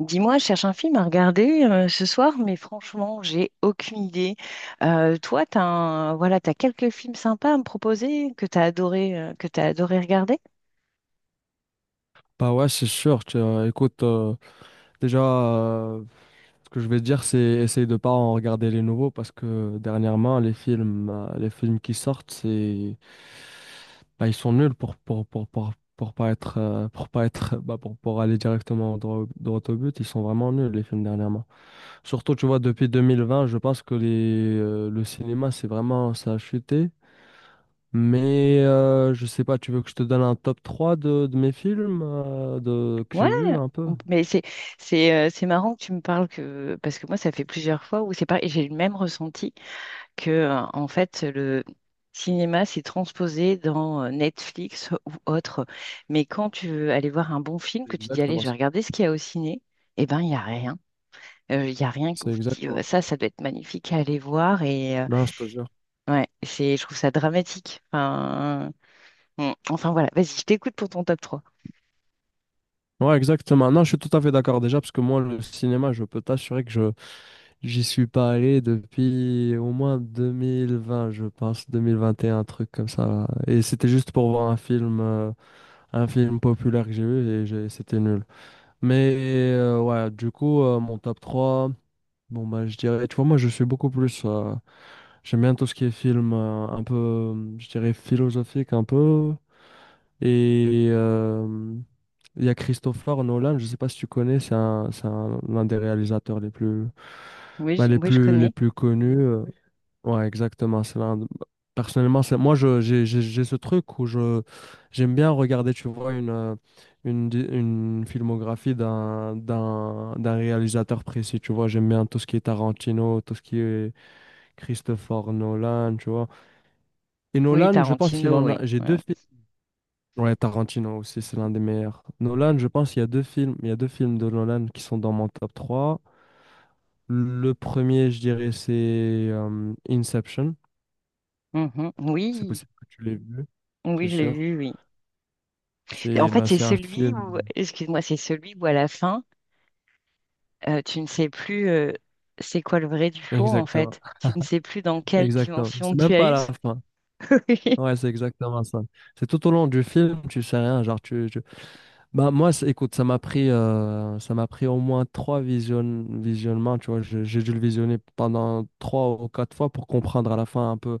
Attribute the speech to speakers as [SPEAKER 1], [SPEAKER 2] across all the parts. [SPEAKER 1] Dis-moi, je cherche un film à regarder ce soir, mais franchement, j'ai aucune idée. Toi, voilà, t'as quelques films sympas à me proposer que t'as adoré regarder?
[SPEAKER 2] Bah ouais, c'est sûr. Écoute, déjà, ce que je vais te dire, c'est essaye de pas en regarder les nouveaux parce que dernièrement, les films qui sortent, c'est, bah, ils sont nuls pour pas être, pour pas être bah, pour aller directement droit, droit au but. Ils sont vraiment nuls les films dernièrement. Surtout, tu vois, depuis 2020, je pense que les le cinéma, c'est vraiment, ça a chuté. Mais je sais pas, tu veux que je te donne un top 3 de mes films, que
[SPEAKER 1] Ouais,
[SPEAKER 2] j'ai vu un peu?
[SPEAKER 1] on- mais c'est c'est marrant que tu me parles que parce que moi, ça fait plusieurs fois où c'est pareil, j'ai le même ressenti que en fait le cinéma s'est transposé dans Netflix ou autre. Mais quand tu veux aller voir un bon film,
[SPEAKER 2] C'est
[SPEAKER 1] que tu dis allez,
[SPEAKER 2] exactement
[SPEAKER 1] je vais
[SPEAKER 2] ça.
[SPEAKER 1] regarder ce qu'il y a au ciné, eh ben il y a rien. Il y a rien que
[SPEAKER 2] C'est
[SPEAKER 1] vous dites
[SPEAKER 2] exactement
[SPEAKER 1] dis,
[SPEAKER 2] ça.
[SPEAKER 1] Ça doit être magnifique à aller voir» et
[SPEAKER 2] Non, je te jure.
[SPEAKER 1] ouais, c'est, je trouve ça dramatique. Enfin, mmh, enfin voilà, vas-y, je t'écoute pour ton top trois.
[SPEAKER 2] Ouais, exactement. Non, je suis tout à fait d'accord déjà, parce que moi, le cinéma, je peux t'assurer que je j'y suis pas allé depuis au moins 2020, je pense, 2021, un truc comme ça. Et c'était juste pour voir un film populaire que j'ai vu et c'était nul. Mais ouais, du coup, mon top trois, bon, bah, je dirais, tu vois, moi, je suis beaucoup plus, j'aime bien tout ce qui est film, un peu, je dirais, philosophique, un peu. Et euh, il y a Christopher Nolan, je ne sais pas si tu connais, l'un des réalisateurs les plus, bah,
[SPEAKER 1] Oui, je
[SPEAKER 2] les
[SPEAKER 1] connais.
[SPEAKER 2] plus connus. Ouais, exactement. Personnellement, c'est moi, j'ai ce truc où je, j'aime bien regarder, tu vois, une filmographie d'un réalisateur précis. Tu vois, j'aime bien tout ce qui est Tarantino, tout ce qui est Christopher Nolan, tu vois. Et
[SPEAKER 1] Oui,
[SPEAKER 2] Nolan, je pense qu'il
[SPEAKER 1] Tarantino,
[SPEAKER 2] en
[SPEAKER 1] oui.
[SPEAKER 2] a. J'ai
[SPEAKER 1] Ouais.
[SPEAKER 2] deux films. Ouais, Tarantino aussi, c'est l'un des meilleurs. Nolan, je pense, il y a deux films de Nolan qui sont dans mon top 3. Le premier, je dirais, c'est Inception.
[SPEAKER 1] Mmh.
[SPEAKER 2] C'est
[SPEAKER 1] Oui,
[SPEAKER 2] possible que tu l'aies vu, c'est
[SPEAKER 1] oui, je l'ai
[SPEAKER 2] sûr.
[SPEAKER 1] vu, oui. En
[SPEAKER 2] C'est
[SPEAKER 1] fait,
[SPEAKER 2] bah,
[SPEAKER 1] c'est
[SPEAKER 2] c'est un
[SPEAKER 1] celui où
[SPEAKER 2] film.
[SPEAKER 1] excuse-moi, c'est celui où à la fin, tu ne sais plus, c'est quoi le vrai du faux, en
[SPEAKER 2] Exactement.
[SPEAKER 1] fait. Tu ne sais plus dans quelle
[SPEAKER 2] Exactement. C'est
[SPEAKER 1] dimension tu
[SPEAKER 2] même
[SPEAKER 1] as
[SPEAKER 2] pas à
[SPEAKER 1] eu
[SPEAKER 2] la fin.
[SPEAKER 1] oui.
[SPEAKER 2] Ouais, c'est exactement ça. C'est tout au long du film, tu sais rien. Bah, moi, écoute, ça m'a pris au moins trois visionnements. Tu vois, j'ai dû le visionner pendant 3 ou 4 fois pour comprendre à la fin un peu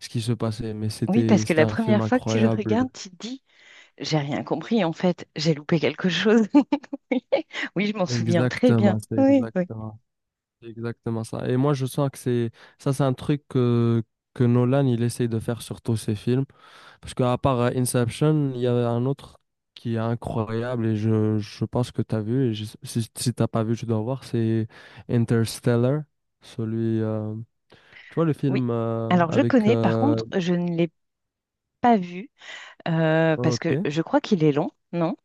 [SPEAKER 2] ce qui se passait, mais
[SPEAKER 1] Oui, parce que
[SPEAKER 2] c'était
[SPEAKER 1] la
[SPEAKER 2] un film
[SPEAKER 1] première fois que tu le
[SPEAKER 2] incroyable.
[SPEAKER 1] regardes, tu te dis: j'ai rien compris en fait, j'ai loupé quelque chose. Oui, oui, je m'en souviens très bien.
[SPEAKER 2] Exactement,
[SPEAKER 1] Oui, oui,
[SPEAKER 2] c'est exactement ça. Et moi, je sens que c'est ça, c'est un truc que Nolan il essaye de faire sur tous ses films, parce qu'à part Inception, il y avait un autre qui est incroyable et je pense que tu as vu. Si t'as pas vu, tu dois voir. C'est Interstellar, celui. Tu vois le
[SPEAKER 1] oui.
[SPEAKER 2] film,
[SPEAKER 1] Alors je
[SPEAKER 2] avec...
[SPEAKER 1] connais, par
[SPEAKER 2] euh,
[SPEAKER 1] contre, je ne l'ai pas vu parce que
[SPEAKER 2] ok.
[SPEAKER 1] je crois qu'il est long, non?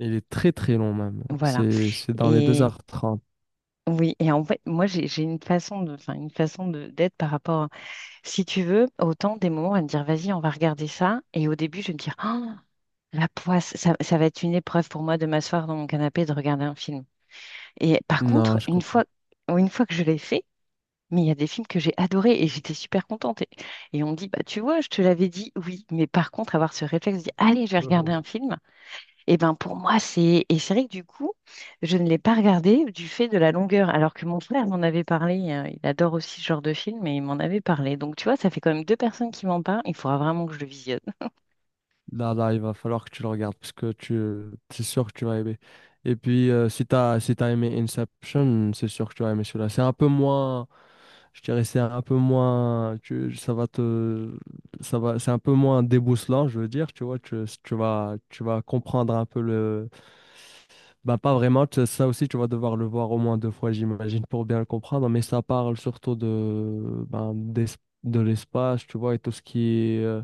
[SPEAKER 2] Il est très très long même.
[SPEAKER 1] Voilà.
[SPEAKER 2] C'est dans les deux
[SPEAKER 1] Et
[SPEAKER 2] heures trente,
[SPEAKER 1] oui, et en fait, moi j'ai une façon de, enfin une façon de d'être par rapport, à- si tu veux, autant des moments à me dire vas-y, on va regarder ça. Et au début, je vais me dire ah, la poisse, ça va être une épreuve pour moi de m'asseoir dans mon canapé et de regarder un film. Et par contre,
[SPEAKER 2] Non, je comprends.
[SPEAKER 1] une fois que je l'ai fait, mais il y a des films que j'ai adorés et j'étais super contente. Et on me dit, bah, tu vois, je te l'avais dit, oui. Mais par contre, avoir ce réflexe, de dire, allez, je vais regarder un film, et ben pour moi, c'est. Et c'est vrai que du coup, je ne l'ai pas regardé du fait de la longueur, alors que mon frère m'en avait parlé. Il adore aussi ce genre de film et il m'en avait parlé. Donc, tu vois, ça fait quand même deux personnes qui m'en parlent. Il faudra vraiment que je le visionne.
[SPEAKER 2] Là, là, il va falloir que tu le regardes parce que tu, c'est sûr que tu vas aimer. Et puis, si t'as aimé Inception, c'est sûr que tu vas aimer celui-là. C'est un peu moins, je dirais, c'est un peu moins, tu, ça va te, ça va, c'est un peu moins déboussolant, je veux dire, tu vois, tu, si tu vas, tu vas comprendre un peu le, bah, pas vraiment, ça aussi, tu vas devoir le voir au moins 2 fois, j'imagine, pour bien le comprendre, mais ça parle surtout de, ben, de l'espace, tu vois, et est. euh,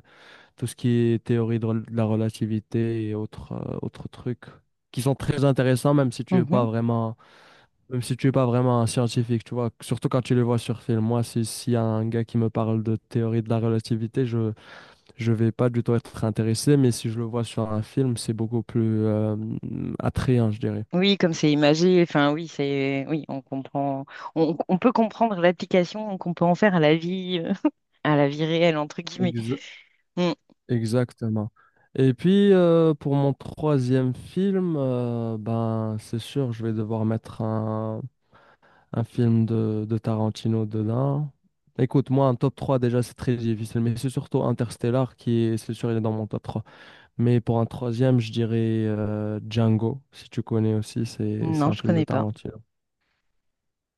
[SPEAKER 2] tout ce qui est théorie de la relativité et autres, autres trucs qui sont très intéressants,
[SPEAKER 1] Mhm.
[SPEAKER 2] même si tu es pas vraiment un scientifique, tu vois. Surtout quand tu les vois sur film. Moi, si, s'il y a un gars qui me parle de théorie de la relativité, je vais pas du tout être intéressé, mais si je le vois sur un film, c'est beaucoup plus, attrayant, je dirais.
[SPEAKER 1] Oui, comme c'est imagé, enfin oui, c'est oui, on comprend, on peut comprendre l'application qu'on peut en faire à la vie réelle entre guillemets.
[SPEAKER 2] Exa-
[SPEAKER 1] Mmh.
[SPEAKER 2] Exactement. Et puis pour mon troisième film, ben c'est sûr, je vais devoir mettre un film de Tarantino dedans. Écoute, moi, un top 3 déjà, c'est très difficile, mais c'est surtout Interstellar qui est, c'est sûr, il est dans mon top 3. Mais pour un troisième, je dirais Django, si tu connais aussi, c'est
[SPEAKER 1] Non,
[SPEAKER 2] un
[SPEAKER 1] je
[SPEAKER 2] film de
[SPEAKER 1] connais pas.
[SPEAKER 2] Tarantino.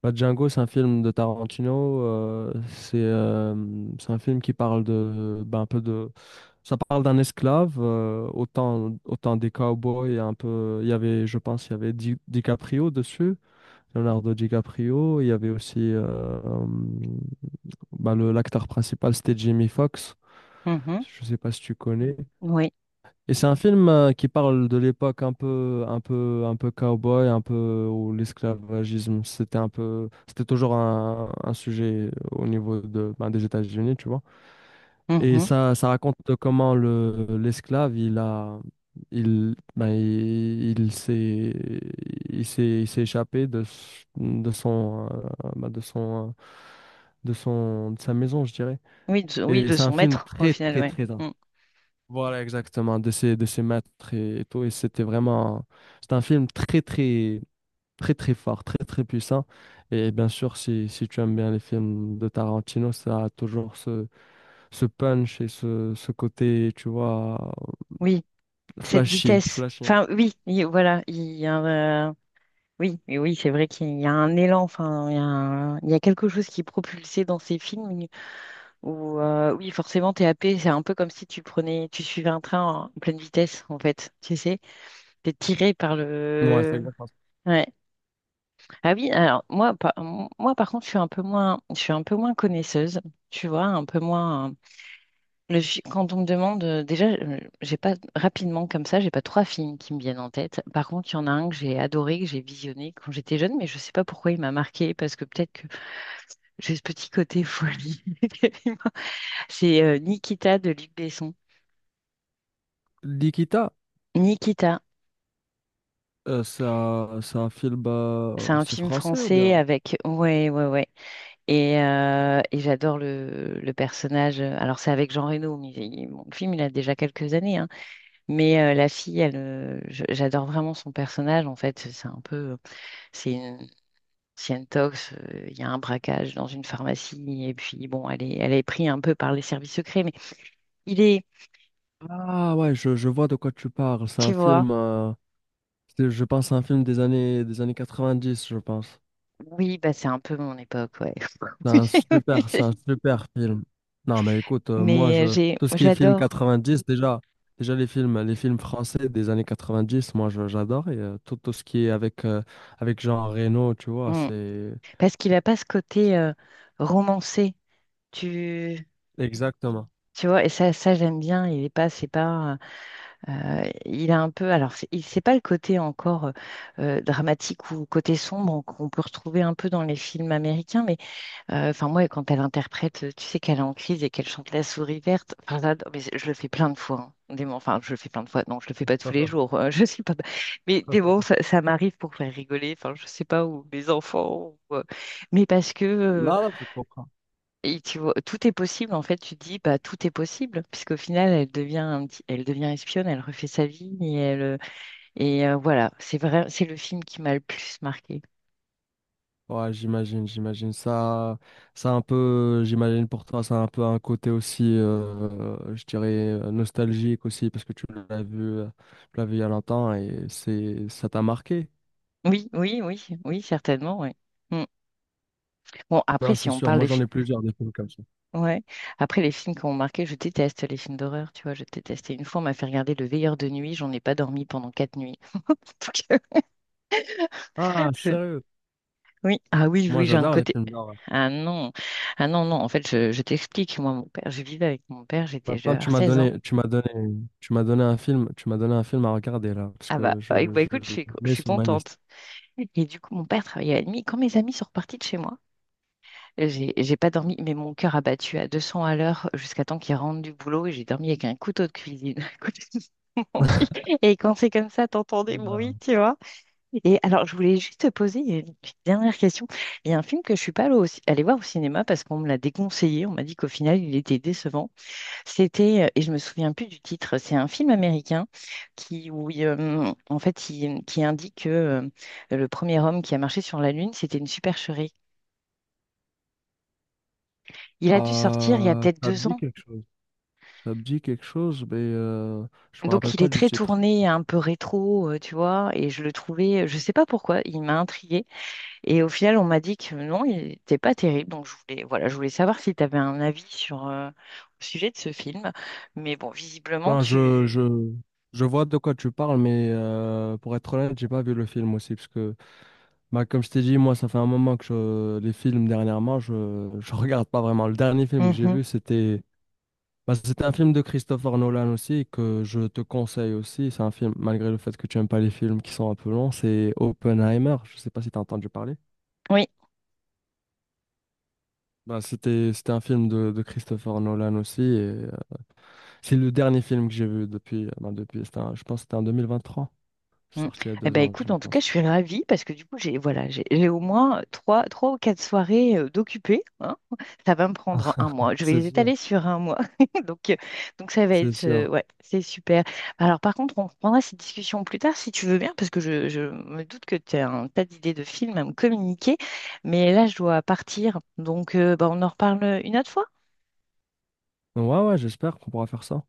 [SPEAKER 2] Bah, Django, c'est un film de Tarantino, c'est un film qui parle de, ben, un peu de, ça parle d'un esclave, autant des cowboys, un peu, il y avait, je pense, il y avait DiCaprio dessus. Leonardo DiCaprio. Il y avait aussi bah, l'acteur principal, c'était Jamie Foxx.
[SPEAKER 1] Mhm.
[SPEAKER 2] Je sais pas si tu connais.
[SPEAKER 1] Oui.
[SPEAKER 2] Et c'est un film qui parle de l'époque un peu cowboy, un peu où l'esclavagisme, c'était toujours un sujet au niveau de, ben, des États-Unis, tu vois. Et
[SPEAKER 1] Mhm.
[SPEAKER 2] ça raconte comment l'esclave, il a, il, ben, il s'est, il s'est, il s'est échappé de, s- de son, ben, de son, de son, de sa maison, je dirais.
[SPEAKER 1] Oui,
[SPEAKER 2] Et
[SPEAKER 1] de
[SPEAKER 2] c'est un
[SPEAKER 1] son
[SPEAKER 2] film
[SPEAKER 1] maître, au
[SPEAKER 2] très,
[SPEAKER 1] final,
[SPEAKER 2] très,
[SPEAKER 1] ouais.
[SPEAKER 2] très intense.
[SPEAKER 1] Mm.
[SPEAKER 2] Voilà, exactement, de de ses maîtres et tout. C'est un film très, très, très, très fort, très, très puissant. Et bien sûr, si tu aimes bien les films de Tarantino, ça a toujours ce punch et ce côté, tu vois,
[SPEAKER 1] Oui, cette
[SPEAKER 2] flashy,
[SPEAKER 1] vitesse.
[SPEAKER 2] flashy, hein.
[SPEAKER 1] Enfin, oui, voilà, il y a un, oui, mais oui, c'est vrai qu'il y a un élan, enfin, il y a quelque chose qui est propulsé dans ces films où, oui, forcément, t'es happé, c'est un peu comme si tu prenais, tu suivais un train en pleine vitesse, en fait, tu sais, t'es tiré par
[SPEAKER 2] Ouais, c'est
[SPEAKER 1] le...
[SPEAKER 2] exactement ça.
[SPEAKER 1] Ouais. Ah oui, alors, moi, par contre, je suis un peu moins, je suis un peu moins connaisseuse, tu vois, un peu moins... Quand on me demande, j'ai pas rapidement comme ça, j'ai pas trois films qui me viennent en tête. Par contre, il y en a un que j'ai adoré, que j'ai visionné quand j'étais jeune, mais je sais pas pourquoi il m'a marqué, parce que peut-être que j'ai ce petit côté folie. C'est Nikita de Luc Besson.
[SPEAKER 2] L'Ikita,
[SPEAKER 1] Nikita,
[SPEAKER 2] euh, c'est c'est un film,
[SPEAKER 1] c'est un
[SPEAKER 2] c'est
[SPEAKER 1] film
[SPEAKER 2] français ou
[SPEAKER 1] français
[SPEAKER 2] bien?
[SPEAKER 1] avec, ouais, ouais, ouais, et j'adore le personnage. Alors c'est avec Jean Reno, mais bon, le film il a déjà quelques années, hein. Mais la fille, elle, j'adore vraiment son personnage. En fait, c'est un peu c'est une, c'est une tox, il y a un braquage dans une pharmacie, et puis bon, elle est prise un peu par les services secrets, mais il est,
[SPEAKER 2] Ah ouais, je vois de quoi tu parles. C'est
[SPEAKER 1] tu
[SPEAKER 2] un
[SPEAKER 1] vois,
[SPEAKER 2] film, je pense, un film des années 90, je pense.
[SPEAKER 1] oui, bah c'est un peu mon époque, ouais.
[SPEAKER 2] C'est un super film. Non, mais écoute, moi,
[SPEAKER 1] Mais
[SPEAKER 2] je, tout ce qui est film
[SPEAKER 1] j'adore.
[SPEAKER 2] dix, déjà les films français des années 90, moi, j'adore. Tout ce qui est avec Jean Reno, tu vois,
[SPEAKER 1] Mm.
[SPEAKER 2] c'est...
[SPEAKER 1] Parce qu'il n'a pas ce côté romancé, tu,
[SPEAKER 2] Exactement.
[SPEAKER 1] tu vois, et ça j'aime bien, il est pas, c'est pas, il a un peu, alors c'est pas le côté encore dramatique ou côté sombre qu'on peut retrouver un peu dans les films américains, mais enfin, moi, quand elle interprète, tu sais qu'elle est en crise et qu'elle chante La souris verte. Enfin, là, mais je le fais plein de fois, hein. Des moments- enfin, je le fais plein de fois. Non, je le fais pas tous les jours. Je suis pas. Mais des moments, ça m'arrive pour faire rigoler. Enfin, je sais pas où mes enfants. ou, euh, Mais parce que
[SPEAKER 2] Là, là, je comprends.
[SPEAKER 1] et tu vois, tout est possible. En fait, tu te dis, bah, tout est possible, puisqu'au final, elle devient un elle devient espionne. Elle refait sa vie et elle voilà. C'est vrai. C'est le film qui m'a le plus marqué.
[SPEAKER 2] Ouais, j'imagine. Ça, j'imagine pour toi, ça a un peu un côté aussi, je dirais, nostalgique aussi, parce que l'as vu, euh, tu l'as vu il y a longtemps et ça t'a marqué.
[SPEAKER 1] Oui, oui, oui, oui, certainement, oui. Mm. Bon, après,
[SPEAKER 2] Non,
[SPEAKER 1] si
[SPEAKER 2] c'est
[SPEAKER 1] on
[SPEAKER 2] sûr.
[SPEAKER 1] parle
[SPEAKER 2] Moi,
[SPEAKER 1] des
[SPEAKER 2] j'en ai
[SPEAKER 1] films.
[SPEAKER 2] plusieurs des films comme ça.
[SPEAKER 1] Ouais. Après, les films qui ont marqué, je déteste les films d'horreur, tu vois, je déteste. Et une fois, on m'a fait regarder Le Veilleur de nuit, j'en ai pas dormi pendant quatre nuits. Donc,
[SPEAKER 2] Ah,
[SPEAKER 1] je-
[SPEAKER 2] sérieux?
[SPEAKER 1] oui, ah oui,
[SPEAKER 2] Moi,
[SPEAKER 1] oui, j'ai un
[SPEAKER 2] j'adore les
[SPEAKER 1] côté.
[SPEAKER 2] films d'horreur.
[SPEAKER 1] Ah non, ah non, non, en fait, je t'explique, moi, mon père, je vivais avec mon père, j'étais, je devais
[SPEAKER 2] Maintenant, tu
[SPEAKER 1] avoir
[SPEAKER 2] m'as
[SPEAKER 1] 16 ans.
[SPEAKER 2] donné, tu m'as donné, tu m'as donné un film, tu m'as donné un film à regarder là, parce
[SPEAKER 1] Ah bah,
[SPEAKER 2] que
[SPEAKER 1] bah, bah,
[SPEAKER 2] je
[SPEAKER 1] écoute, je suis,
[SPEAKER 2] le
[SPEAKER 1] je
[SPEAKER 2] mets
[SPEAKER 1] suis
[SPEAKER 2] sur ma liste.
[SPEAKER 1] contente. Et du coup, mon père travaillait la nuit. Quand mes amis sont repartis de chez moi, j'ai pas dormi, mais mon cœur a battu à 200 à l'heure jusqu'à temps qu'ils rentrent du boulot et j'ai dormi avec un couteau de cuisine à côté. Et quand c'est comme ça, t'entends des
[SPEAKER 2] Euh,
[SPEAKER 1] bruits, tu vois. Et alors, je voulais juste te poser une petite dernière question. Il y a un film que je suis pas allée, allée voir au cinéma parce qu'on me l'a déconseillé. On m'a dit qu'au final, il était décevant. Et je me souviens plus du titre, c'est un film américain qui, où il qui indique que le premier homme qui a marché sur la Lune, c'était une supercherie. Il a dû sortir il y a peut-être
[SPEAKER 2] Ça me
[SPEAKER 1] deux
[SPEAKER 2] dit
[SPEAKER 1] ans.
[SPEAKER 2] quelque chose. Ça me dit quelque chose, mais je me rappelle
[SPEAKER 1] Donc il
[SPEAKER 2] pas
[SPEAKER 1] est
[SPEAKER 2] du
[SPEAKER 1] très
[SPEAKER 2] titre.
[SPEAKER 1] tourné, un peu rétro, tu vois, et je le trouvais, je sais pas pourquoi, il m'a intriguée. Et au final, on m'a dit que non, il n'était pas terrible. Donc, je voulais, voilà, je voulais savoir si tu avais un avis sur, au sujet de ce film. Mais bon, visiblement,
[SPEAKER 2] Non,
[SPEAKER 1] tu...
[SPEAKER 2] je vois de quoi tu parles, mais pour être honnête, j'ai pas vu le film aussi, parce que, bah, comme je t'ai dit, moi, ça fait un moment que les films dernièrement, je regarde pas vraiment. Le dernier film que j'ai
[SPEAKER 1] Mhm.
[SPEAKER 2] vu, c'était... Bah, c'est un film de Christopher Nolan aussi que je te conseille aussi. C'est un film, malgré le fait que tu n'aimes pas les films qui sont un peu longs, c'est Oppenheimer. Je ne sais pas si tu as entendu parler.
[SPEAKER 1] Oui.
[SPEAKER 2] Bah, c'était un film de Christopher Nolan aussi. Et, euh, c'est le dernier film que j'ai vu depuis, bah, depuis, je pense que c'était en 2023. C'est
[SPEAKER 1] Mm.
[SPEAKER 2] sorti il y a
[SPEAKER 1] Eh
[SPEAKER 2] deux
[SPEAKER 1] ben
[SPEAKER 2] ans, je
[SPEAKER 1] écoute, en tout cas, je
[SPEAKER 2] pense.
[SPEAKER 1] suis ravie parce que du coup, j'ai voilà, j'ai au moins trois, trois ou quatre soirées d'occupées, hein. Ça va me prendre un mois. Je vais
[SPEAKER 2] C'est
[SPEAKER 1] les
[SPEAKER 2] sûr,
[SPEAKER 1] étaler sur un mois. Donc, euh, donc ça va
[SPEAKER 2] c'est
[SPEAKER 1] être
[SPEAKER 2] sûr.
[SPEAKER 1] ouais, c'est super. Alors par contre, on reprendra cette discussion plus tard si tu veux bien, parce que je me doute que tu as un tas d'idées de films à me communiquer. Mais là, je dois partir. Donc bah, on en reparle une autre fois.
[SPEAKER 2] Donc, ouais, ouais, j'espère qu'on pourra faire ça.